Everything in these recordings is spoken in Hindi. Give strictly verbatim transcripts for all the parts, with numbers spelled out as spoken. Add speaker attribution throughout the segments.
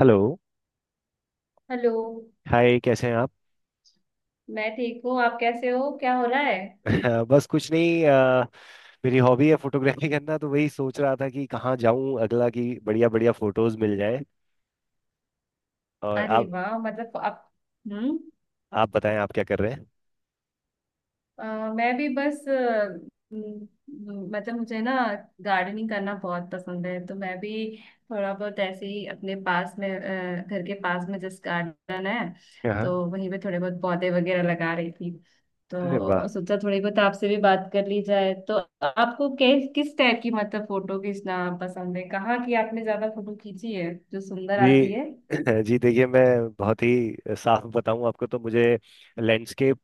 Speaker 1: हेलो।
Speaker 2: हेलो।
Speaker 1: हाय, कैसे हैं आप?
Speaker 2: मैं ठीक हूँ। आप कैसे हो? क्या हो रहा है?
Speaker 1: बस कुछ नहीं। अ, मेरी हॉबी है फोटोग्राफी करना, तो वही सोच रहा था कि कहाँ जाऊं अगला कि बढ़िया बढ़िया फोटोज मिल जाए। और
Speaker 2: अरे
Speaker 1: आप?
Speaker 2: वाह, मतलब आप। हम्म।
Speaker 1: आप बताएं, आप क्या कर रहे हैं?
Speaker 2: अ, मैं भी बस। अ, हम्म, हम्म, मतलब मुझे ना गार्डनिंग करना बहुत पसंद है, तो मैं भी थोड़ा बहुत ऐसे ही अपने पास में अ, घर के पास में जिस गार्डन है, तो
Speaker 1: हाँ।
Speaker 2: वहीं पे थोड़े बहुत पौधे वगैरह लगा रही थी।
Speaker 1: अरे वाह।
Speaker 2: तो सोचा थोड़ी बहुत आपसे भी बात कर ली जाए। तो आपको किस किस टाइप की मतलब फोटो खींचना पसंद है? कहाँ की आपने ज्यादा फोटो खींची है जो सुंदर आती
Speaker 1: जी
Speaker 2: है?
Speaker 1: जी देखिए, मैं बहुत ही साफ बताऊं आपको तो मुझे लैंडस्केप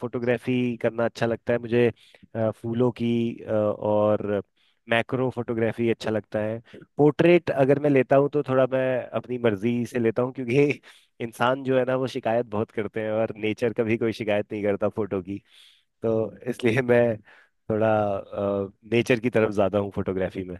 Speaker 1: फोटोग्राफी करना अच्छा लगता है, मुझे अ, फूलों की अ, और मैक्रो फोटोग्राफी अच्छा लगता है। पोर्ट्रेट अगर मैं लेता हूं तो थोड़ा मैं अपनी मर्जी से लेता हूं, क्योंकि इंसान जो है ना, वो शिकायत बहुत करते हैं और नेचर कभी कोई शिकायत नहीं करता फोटो की। तो इसलिए मैं थोड़ा नेचर की तरफ ज्यादा हूँ फोटोग्राफी में।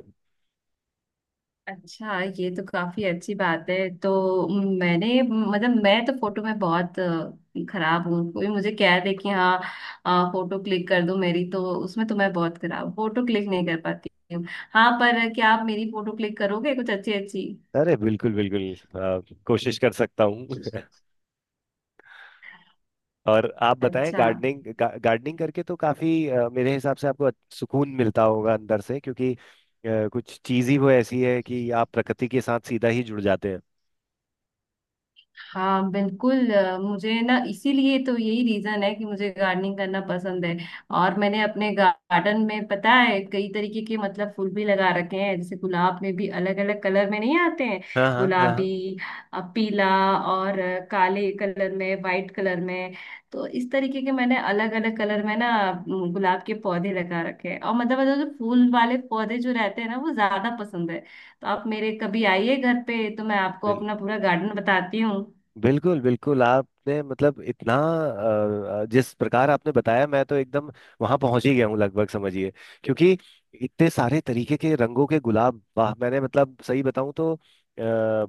Speaker 2: अच्छा, ये तो काफी अच्छी बात है। तो मैंने मतलब मैं तो फोटो में बहुत अ, खराब हूँ। कोई मुझे कह दे कि हाँ अ, फोटो क्लिक कर दो मेरी, तो उसमें तो मैं बहुत खराब, फोटो क्लिक नहीं कर पाती हूँ। हाँ, पर क्या आप मेरी फोटो क्लिक करोगे कुछ अच्छी अच्छी?
Speaker 1: अरे बिल्कुल बिल्कुल। अ, कोशिश कर सकता हूँ और आप बताएं,
Speaker 2: अच्छा।
Speaker 1: गार्डनिंग गा, गार्डनिंग करके तो काफी, अ, मेरे हिसाब से आपको सुकून मिलता होगा अंदर से, क्योंकि अ, कुछ चीज ही वो ऐसी है कि आप प्रकृति के साथ सीधा ही जुड़ जाते हैं।
Speaker 2: हाँ, बिल्कुल। अ, मुझे ना इसीलिए तो यही रीजन है कि मुझे गार्डनिंग करना पसंद है। और मैंने अपने गार्डन में पता है कई तरीके के मतलब फूल भी लगा रखे हैं। जैसे गुलाब में भी अलग अलग कलर में नहीं आते हैं?
Speaker 1: हाँ हाँ हाँ हाँ।
Speaker 2: गुलाबी, अ, पीला, और अ, काले कलर में, वाइट कलर में। तो इस तरीके के मैंने अलग अलग कलर में ना अम, गुलाब के पौधे लगा रखे हैं। और मतलब मतलब जो फूल वाले पौधे जो रहते हैं ना वो ज्यादा पसंद है। तो आप मेरे कभी आइए घर पे, तो मैं आपको
Speaker 1: बिल-
Speaker 2: अपना पूरा गार्डन बताती हूँ।
Speaker 1: बिल्कुल बिल्कुल, आपने मतलब इतना, अ, अ, जिस प्रकार आपने बताया, मैं तो एकदम वहां पहुंच ही गया हूँ लगभग, समझिए। क्योंकि इतने सारे तरीके के रंगों के गुलाब, वाह! मैंने मतलब सही बताऊं तो आ,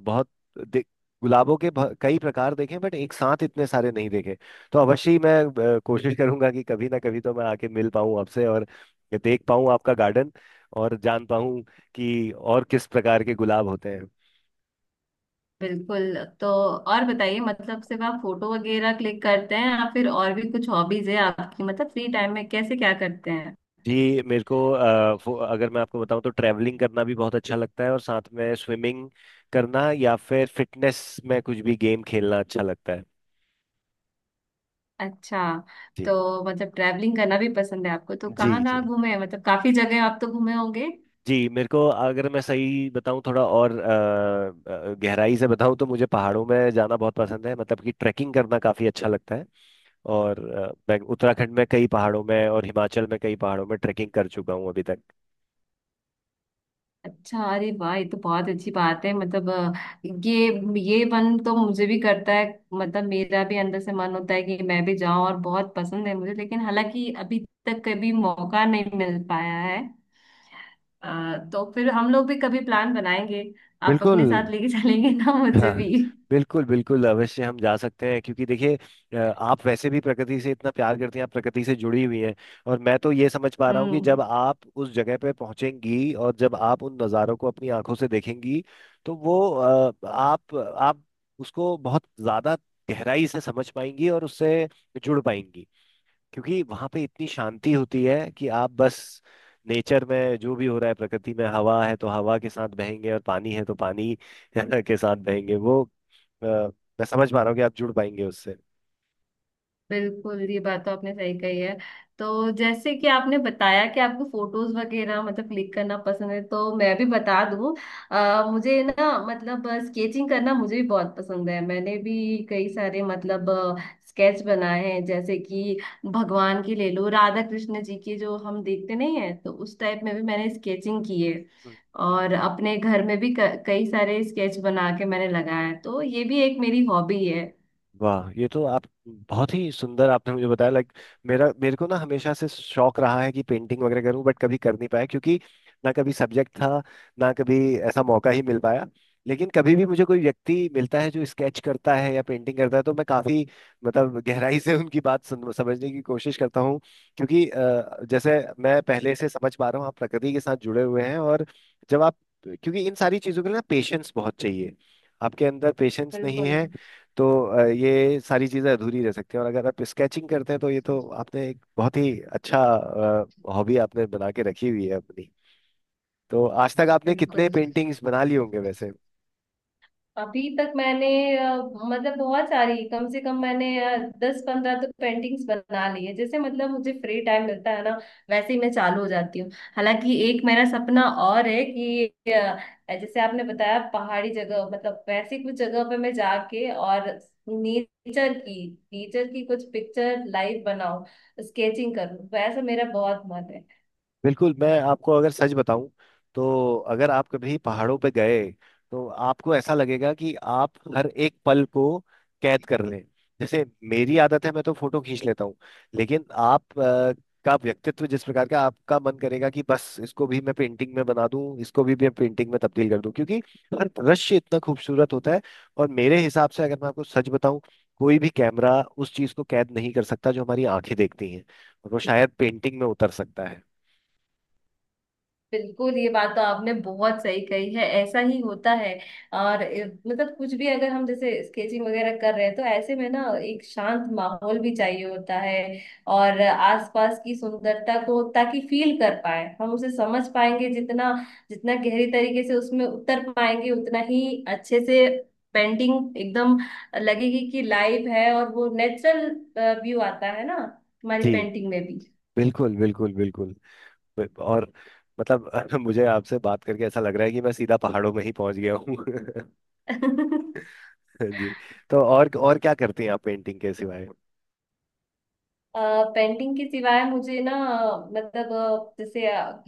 Speaker 1: बहुत दे- गुलाबों के बह- कई प्रकार देखे, बट एक साथ इतने सारे नहीं देखे। तो अवश्य ही मैं अ, कोशिश करूंगा कि कभी ना कभी तो मैं आके मिल पाऊं आपसे, और देख पाऊं आपका गार्डन, और जान पाऊं कि और किस प्रकार के गुलाब होते हैं।
Speaker 2: बिल्कुल। तो और बताइए, मतलब सिर्फ आप फोटो वगैरह क्लिक करते हैं या फिर और भी कुछ हॉबीज है आपकी? मतलब फ्री टाइम में कैसे क्या करते हैं?
Speaker 1: जी, मेरे को अ, फो- अगर मैं आपको बताऊं तो ट्रैवलिंग करना भी बहुत अच्छा लगता है, और साथ में स्विमिंग करना, या फिर फिटनेस में कुछ भी गेम खेलना अच्छा लगता है।
Speaker 2: अच्छा। तो
Speaker 1: जी
Speaker 2: मतलब ट्रैवलिंग करना भी पसंद है आपको? तो
Speaker 1: जी।
Speaker 2: कहाँ
Speaker 1: जी
Speaker 2: कहाँ घूमे हैं? मतलब काफी जगह आप तो घूमे होंगे।
Speaker 1: जी, मेरे को अगर मैं सही बताऊं, थोड़ा और अ, अ, गहराई से बताऊं, तो मुझे पहाड़ों में जाना बहुत पसंद है, मतलब कि ट्रैकिंग करना काफ़ी अच्छा लगता है। और अ, मैं उत्तराखंड में कई पहाड़ों में और हिमाचल में कई पहाड़ों में ट्रैकिंग कर चुका हूं अभी तक।
Speaker 2: अच्छा, अरे वाह, ये तो बहुत अच्छी बात है। मतलब अ, ये ये मन तो मुझे भी करता है। मतलब मेरा भी अंदर से मन होता है कि मैं भी जाऊं, और बहुत पसंद है मुझे, लेकिन हालांकि अभी तक कभी मौका नहीं मिल पाया है। आ, तो फिर हम लोग भी कभी प्लान बनाएंगे। आप
Speaker 1: बिल्कुल।
Speaker 2: अपने साथ लेके चलेंगे ना मुझे
Speaker 1: हाँ
Speaker 2: भी?
Speaker 1: बिल्कुल बिल्कुल, अवश्य हम जा सकते हैं, क्योंकि देखिए, अ, आप वैसे भी प्रकृति से इतना प्यार करती हैं, आप प्रकृति से जुड़ी हुई हैं। और मैं तो ये समझ पा रहा हूँ कि
Speaker 2: हम्म।
Speaker 1: जब आप उस जगह पे पहुंचेंगी और जब आप उन नज़ारों को अपनी आंखों से देखेंगी, तो वो अ, आप आप उसको बहुत ज़्यादा गहराई से समझ पाएंगी और उससे जुड़ पाएंगी। क्योंकि वहां पे इतनी शांति होती है कि आप बस नेचर में जो भी हो रहा है, प्रकृति में हवा है तो हवा के साथ बहेंगे, और पानी है तो पानी के साथ बहेंगे। वो अ, मैं समझ पा रहा हूँ कि आप जुड़ पाएंगे उससे।
Speaker 2: बिल्कुल, ये बात तो आपने सही कही है। तो जैसे कि आपने बताया कि आपको फोटोज वगैरह मतलब क्लिक करना पसंद है, तो मैं भी बता दूं, अ, मुझे ना मतलब स्केचिंग करना मुझे भी बहुत पसंद है। मैंने भी कई सारे मतलब स्केच बनाए हैं। जैसे कि भगवान की ले लो, राधा कृष्ण जी की, जो हम देखते नहीं है, तो उस टाइप में भी मैंने स्केचिंग की है।
Speaker 1: हम्म।
Speaker 2: और अपने घर में भी क- कई सारे स्केच बना के मैंने लगाया है। तो ये भी एक मेरी हॉबी है।
Speaker 1: वाह, ये तो आप बहुत ही सुंदर आपने मुझे बताया। लाइक मेरा मेरे को ना हमेशा से शौक रहा है कि पेंटिंग वगैरह करूं, बट कभी कर नहीं पाया, क्योंकि ना कभी सब्जेक्ट था, ना कभी ऐसा मौका ही मिल पाया। लेकिन कभी भी मुझे कोई व्यक्ति मिलता है जो स्केच करता है या पेंटिंग करता है, तो मैं काफी मतलब गहराई से उनकी बात सुन, समझने की कोशिश करता हूँ। क्योंकि अ, जैसे मैं पहले से समझ पा रहा हूँ, आप प्रकृति के साथ जुड़े हुए हैं। और जब आप क्योंकि इन सारी चीजों के लिए ना पेशेंस बहुत चाहिए। आपके अंदर पेशेंस नहीं
Speaker 2: बिल्कुल
Speaker 1: है तो अ, ये सारी चीज़ें अधूरी रह सकती हैं। और अगर आप स्केचिंग करते हैं तो ये तो आपने एक बहुत ही अच्छा हॉबी आपने बना के रखी हुई है अपनी। तो आज तक आपने कितने
Speaker 2: बिल्कुल।
Speaker 1: पेंटिंग्स बना लिए होंगे वैसे?
Speaker 2: अभी तक मैंने अ, मतलब बहुत सारी, कम से कम मैंने दस पंद्रह तो पेंटिंग्स बना ली है। जैसे मतलब मुझे फ्री टाइम मिलता है ना, वैसे ही मैं चालू हो जाती हूँ। हालांकि एक मेरा सपना और है कि अ, जैसे आपने बताया पहाड़ी जगह, मतलब वैसी कुछ जगह पे मैं जाके और नेचर की नेचर की कुछ पिक्चर लाइव बनाऊं, स्केचिंग करूं, वैसा मेरा बहुत मन है।
Speaker 1: बिल्कुल। मैं आपको अगर सच बताऊं तो, अगर आप कभी पहाड़ों पे गए, तो आपको ऐसा लगेगा कि आप हर एक पल को कैद कर लें। जैसे मेरी आदत है, मैं तो फोटो खींच लेता हूँ। लेकिन आप अ, का व्यक्तित्व जिस प्रकार का, आपका मन करेगा कि बस इसको भी मैं पेंटिंग में बना दूं, इसको भी मैं पेंटिंग में तब्दील कर दूं, क्योंकि हर दृश्य इतना खूबसूरत होता है। और मेरे हिसाब से अगर मैं आपको सच बताऊं, कोई भी कैमरा उस चीज को कैद नहीं कर सकता जो हमारी आंखें देखती हैं, और वो शायद पेंटिंग में उतर सकता है।
Speaker 2: बिल्कुल, ये बात तो आपने बहुत सही कही है। ऐसा ही होता है। और ए, मतलब कुछ भी, अगर हम जैसे स्केचिंग वगैरह कर रहे हैं, तो ऐसे में ना एक शांत माहौल भी चाहिए होता है, और आसपास की सुंदरता को ताकि फील कर पाए हम। उसे समझ पाएंगे जितना, जितना गहरी तरीके से उसमें उतर पाएंगे, उतना ही अच्छे से पेंटिंग एकदम लगेगी कि लाइव है, और वो नेचुरल व्यू आता है ना हमारी
Speaker 1: जी,
Speaker 2: पेंटिंग में।
Speaker 1: बिल्कुल बिल्कुल बिल्कुल। ब- और मतलब मुझे आपसे बात करके ऐसा लग रहा है कि मैं सीधा पहाड़ों में ही पहुंच गया हूँ
Speaker 2: भी
Speaker 1: जी। तो और और क्या करती हैं आप पेंटिंग के सिवाय?
Speaker 2: पेंटिंग के सिवाय मुझे ना मतलब अ, जैसे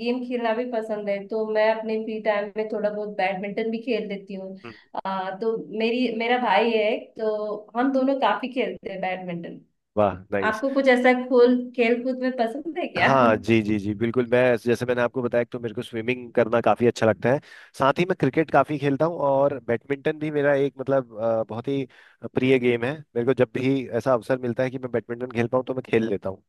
Speaker 2: गेम खेलना भी पसंद है, तो मैं अपने फ्री टाइम में थोड़ा बहुत बैडमिंटन भी खेल लेती हूँ।
Speaker 1: हम्म।
Speaker 2: अ, तो मेरी मेरा भाई है एक, तो हम दोनों काफी खेलते हैं बैडमिंटन।
Speaker 1: वाह, नाइस।
Speaker 2: आपको कुछ ऐसा खोल, खेल कूद में पसंद है क्या?
Speaker 1: हाँ जी जी जी बिल्कुल, मैं जैसे मैंने आपको बताया कि तो मेरे को स्विमिंग करना काफी अच्छा लगता है। साथ ही मैं क्रिकेट काफी खेलता हूँ, और बैडमिंटन भी मेरा एक मतलब अ, बहुत ही प्रिय गेम है। मेरे को जब भी ऐसा अवसर मिलता है कि मैं बैडमिंटन खेल पाऊँ तो मैं खेल लेता हूँ।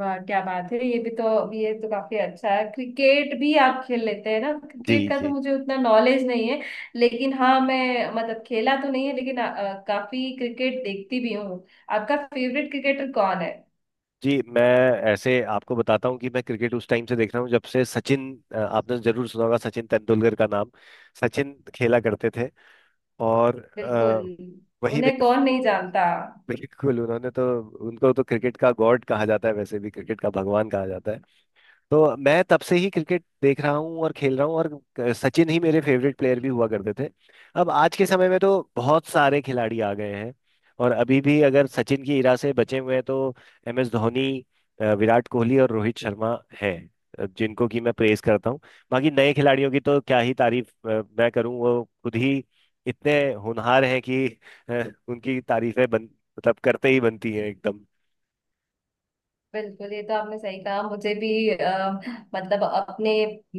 Speaker 2: वाह, क्या बात है, ये भी तो, ये तो काफी अच्छा है। क्रिकेट भी आप खेल लेते हैं ना?
Speaker 1: जी
Speaker 2: क्रिकेट का तो
Speaker 1: जी।
Speaker 2: मुझे उतना नॉलेज नहीं है, लेकिन हाँ, मैं मतलब खेला तो नहीं है, लेकिन अ, अ, काफी क्रिकेट देखती भी हूँ। आपका फेवरेट क्रिकेटर कौन है?
Speaker 1: जी मैं ऐसे आपको बताता हूँ कि मैं क्रिकेट उस टाइम से देख रहा हूँ जब से सचिन, अ, आपने जरूर सुना होगा सचिन तेंदुलकर का नाम, सचिन खेला करते थे। और
Speaker 2: बिल्कुल,
Speaker 1: अ, वही में
Speaker 2: उन्हें कौन नहीं जानता।
Speaker 1: बिल्कुल उन्होंने तो, उनको तो क्रिकेट का गॉड कहा जाता है, वैसे भी क्रिकेट का भगवान कहा जाता है। तो मैं तब से ही क्रिकेट देख रहा हूँ और खेल रहा हूँ। और क- सचिन ही मेरे फेवरेट प्लेयर भी हुआ करते थे। अब आज के समय में तो बहुत सारे खिलाड़ी आ गए हैं, और अभी भी अगर सचिन की इरा से बचे हुए हैं तो एम एस धोनी, अ, विराट कोहली और रोहित शर्मा हैं, अ, जिनको कि मैं प्रेज करता हूँ। बाकी नए खिलाड़ियों की तो क्या ही तारीफ अ, मैं करूँ, वो खुद ही इतने होनहार हैं कि अ, उनकी तारीफें बन मतलब करते ही बनती हैं एकदम।
Speaker 2: बिल्कुल, ये तो आपने सही कहा। मुझे भी अ, मतलब अपने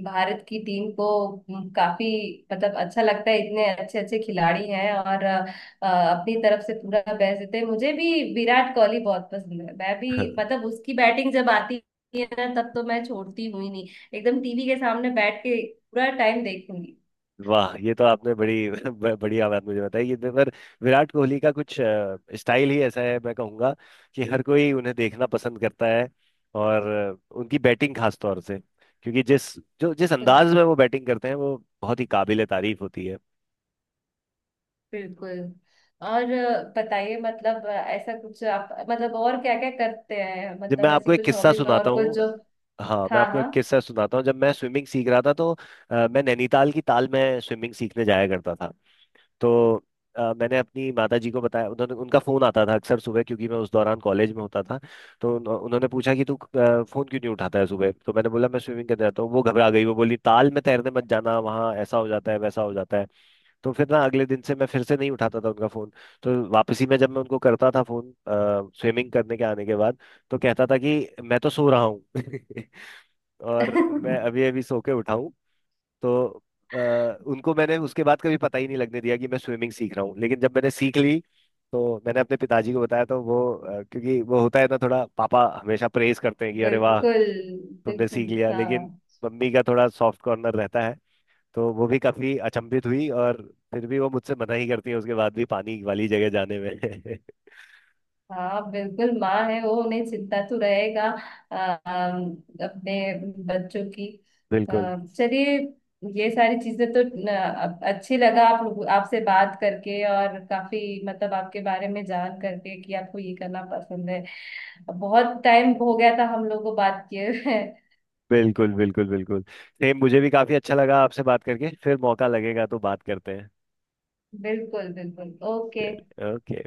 Speaker 2: भारत की टीम को म, काफी मतलब अच्छा लगता है। इतने अच्छे अच्छे खिलाड़ी हैं, और अ, अ, अपनी तरफ से पूरा बेस्ट देते हैं। मुझे भी विराट कोहली बहुत पसंद है। मैं भी मतलब उसकी बैटिंग जब आती है ना, तब तो मैं छोड़ती हुई नहीं, एकदम टीवी के सामने बैठ के पूरा टाइम देखूंगी।
Speaker 1: वाह, ये तो आपने बड़ी ब- बढ़िया बात मुझे बताई। ये तो पर विराट कोहली का कुछ अ, स्टाइल ही ऐसा है, मैं कहूँगा कि हर कोई उन्हें देखना पसंद करता है। और अ, उनकी बैटिंग खास तौर से, क्योंकि जिस जो जिस अंदाज में वो
Speaker 2: बिल्कुल
Speaker 1: बैटिंग करते हैं, वो बहुत ही काबिल तारीफ होती है।
Speaker 2: बिल्कुल। और अ, बताइए, मतलब अ, ऐसा कुछ आप मतलब और क्या क्या करते हैं?
Speaker 1: जब मैं
Speaker 2: मतलब
Speaker 1: आपको
Speaker 2: ऐसी
Speaker 1: एक
Speaker 2: कुछ
Speaker 1: किस्सा
Speaker 2: हॉबी में
Speaker 1: सुनाता
Speaker 2: और कुछ
Speaker 1: हूँ,
Speaker 2: जो।
Speaker 1: हाँ मैं
Speaker 2: हाँ
Speaker 1: आपको
Speaker 2: हाँ।
Speaker 1: एक किस्सा सुनाता हूँ, जब मैं स्विमिंग सीख रहा था तो अ, मैं नैनीताल की ताल में स्विमिंग सीखने जाया करता था। तो अ, मैंने अपनी माता जी को बताया, उन्होंने उनका फ़ोन आता था अक्सर सुबह, क्योंकि मैं उस दौरान कॉलेज में होता था। तो उन्हो- उन्होंने पूछा कि तू फ़ोन क्यों नहीं उठाता है सुबह, तो मैंने बोला मैं स्विमिंग करने जाता हूँ। वो घबरा गई, वो बोली ताल में तैरने मत जाना, वहाँ ऐसा हो जाता है, वैसा हो जाता है। तो फिर ना अगले दिन से मैं फिर से नहीं उठाता था उनका फ़ोन। तो वापसी में जब मैं उनको करता था फ़ोन, स्विमिंग करने के आने के बाद, तो कहता था कि मैं तो सो रहा हूँ और मैं अभी अभी सो के उठा हूँ। तो अ, उनको मैंने उसके बाद कभी पता ही नहीं लगने दिया कि मैं स्विमिंग सीख रहा हूँ। लेकिन जब मैंने सीख ली, तो मैंने अपने पिताजी को बताया, तो वो अ, क्योंकि वो होता है ना, थोड़ा पापा हमेशा प्रेज करते हैं कि अरे वाह
Speaker 2: बिल्कुल
Speaker 1: तुमने सीख
Speaker 2: बिल्कुल।
Speaker 1: लिया,
Speaker 2: हाँ
Speaker 1: लेकिन मम्मी का थोड़ा सॉफ्ट कॉर्नर रहता है। तो वो भी काफी अचंभित हुई, और फिर भी वो मुझसे मना ही करती है उसके बाद भी पानी वाली जगह जाने में
Speaker 2: हाँ, बिल्कुल, माँ है वो, उन्हें चिंता तो रहेगा अम, अपने बच्चों की।
Speaker 1: बिल्कुल।
Speaker 2: अम, चलिए, ये सारी चीजें तो न, अच्छी लगा आप लोग, आपसे बात करके, और काफी मतलब आपके बारे में जान करके कि आपको ये करना पसंद है। बहुत टाइम हो गया था हम लोग को बात किए हुए।
Speaker 1: बिल्कुल बिल्कुल बिल्कुल, सेम मुझे भी काफी अच्छा लगा आपसे बात करके। फिर मौका लगेगा तो बात करते हैं।
Speaker 2: बिल्कुल बिल्कुल, ओके।
Speaker 1: चलिए ओके।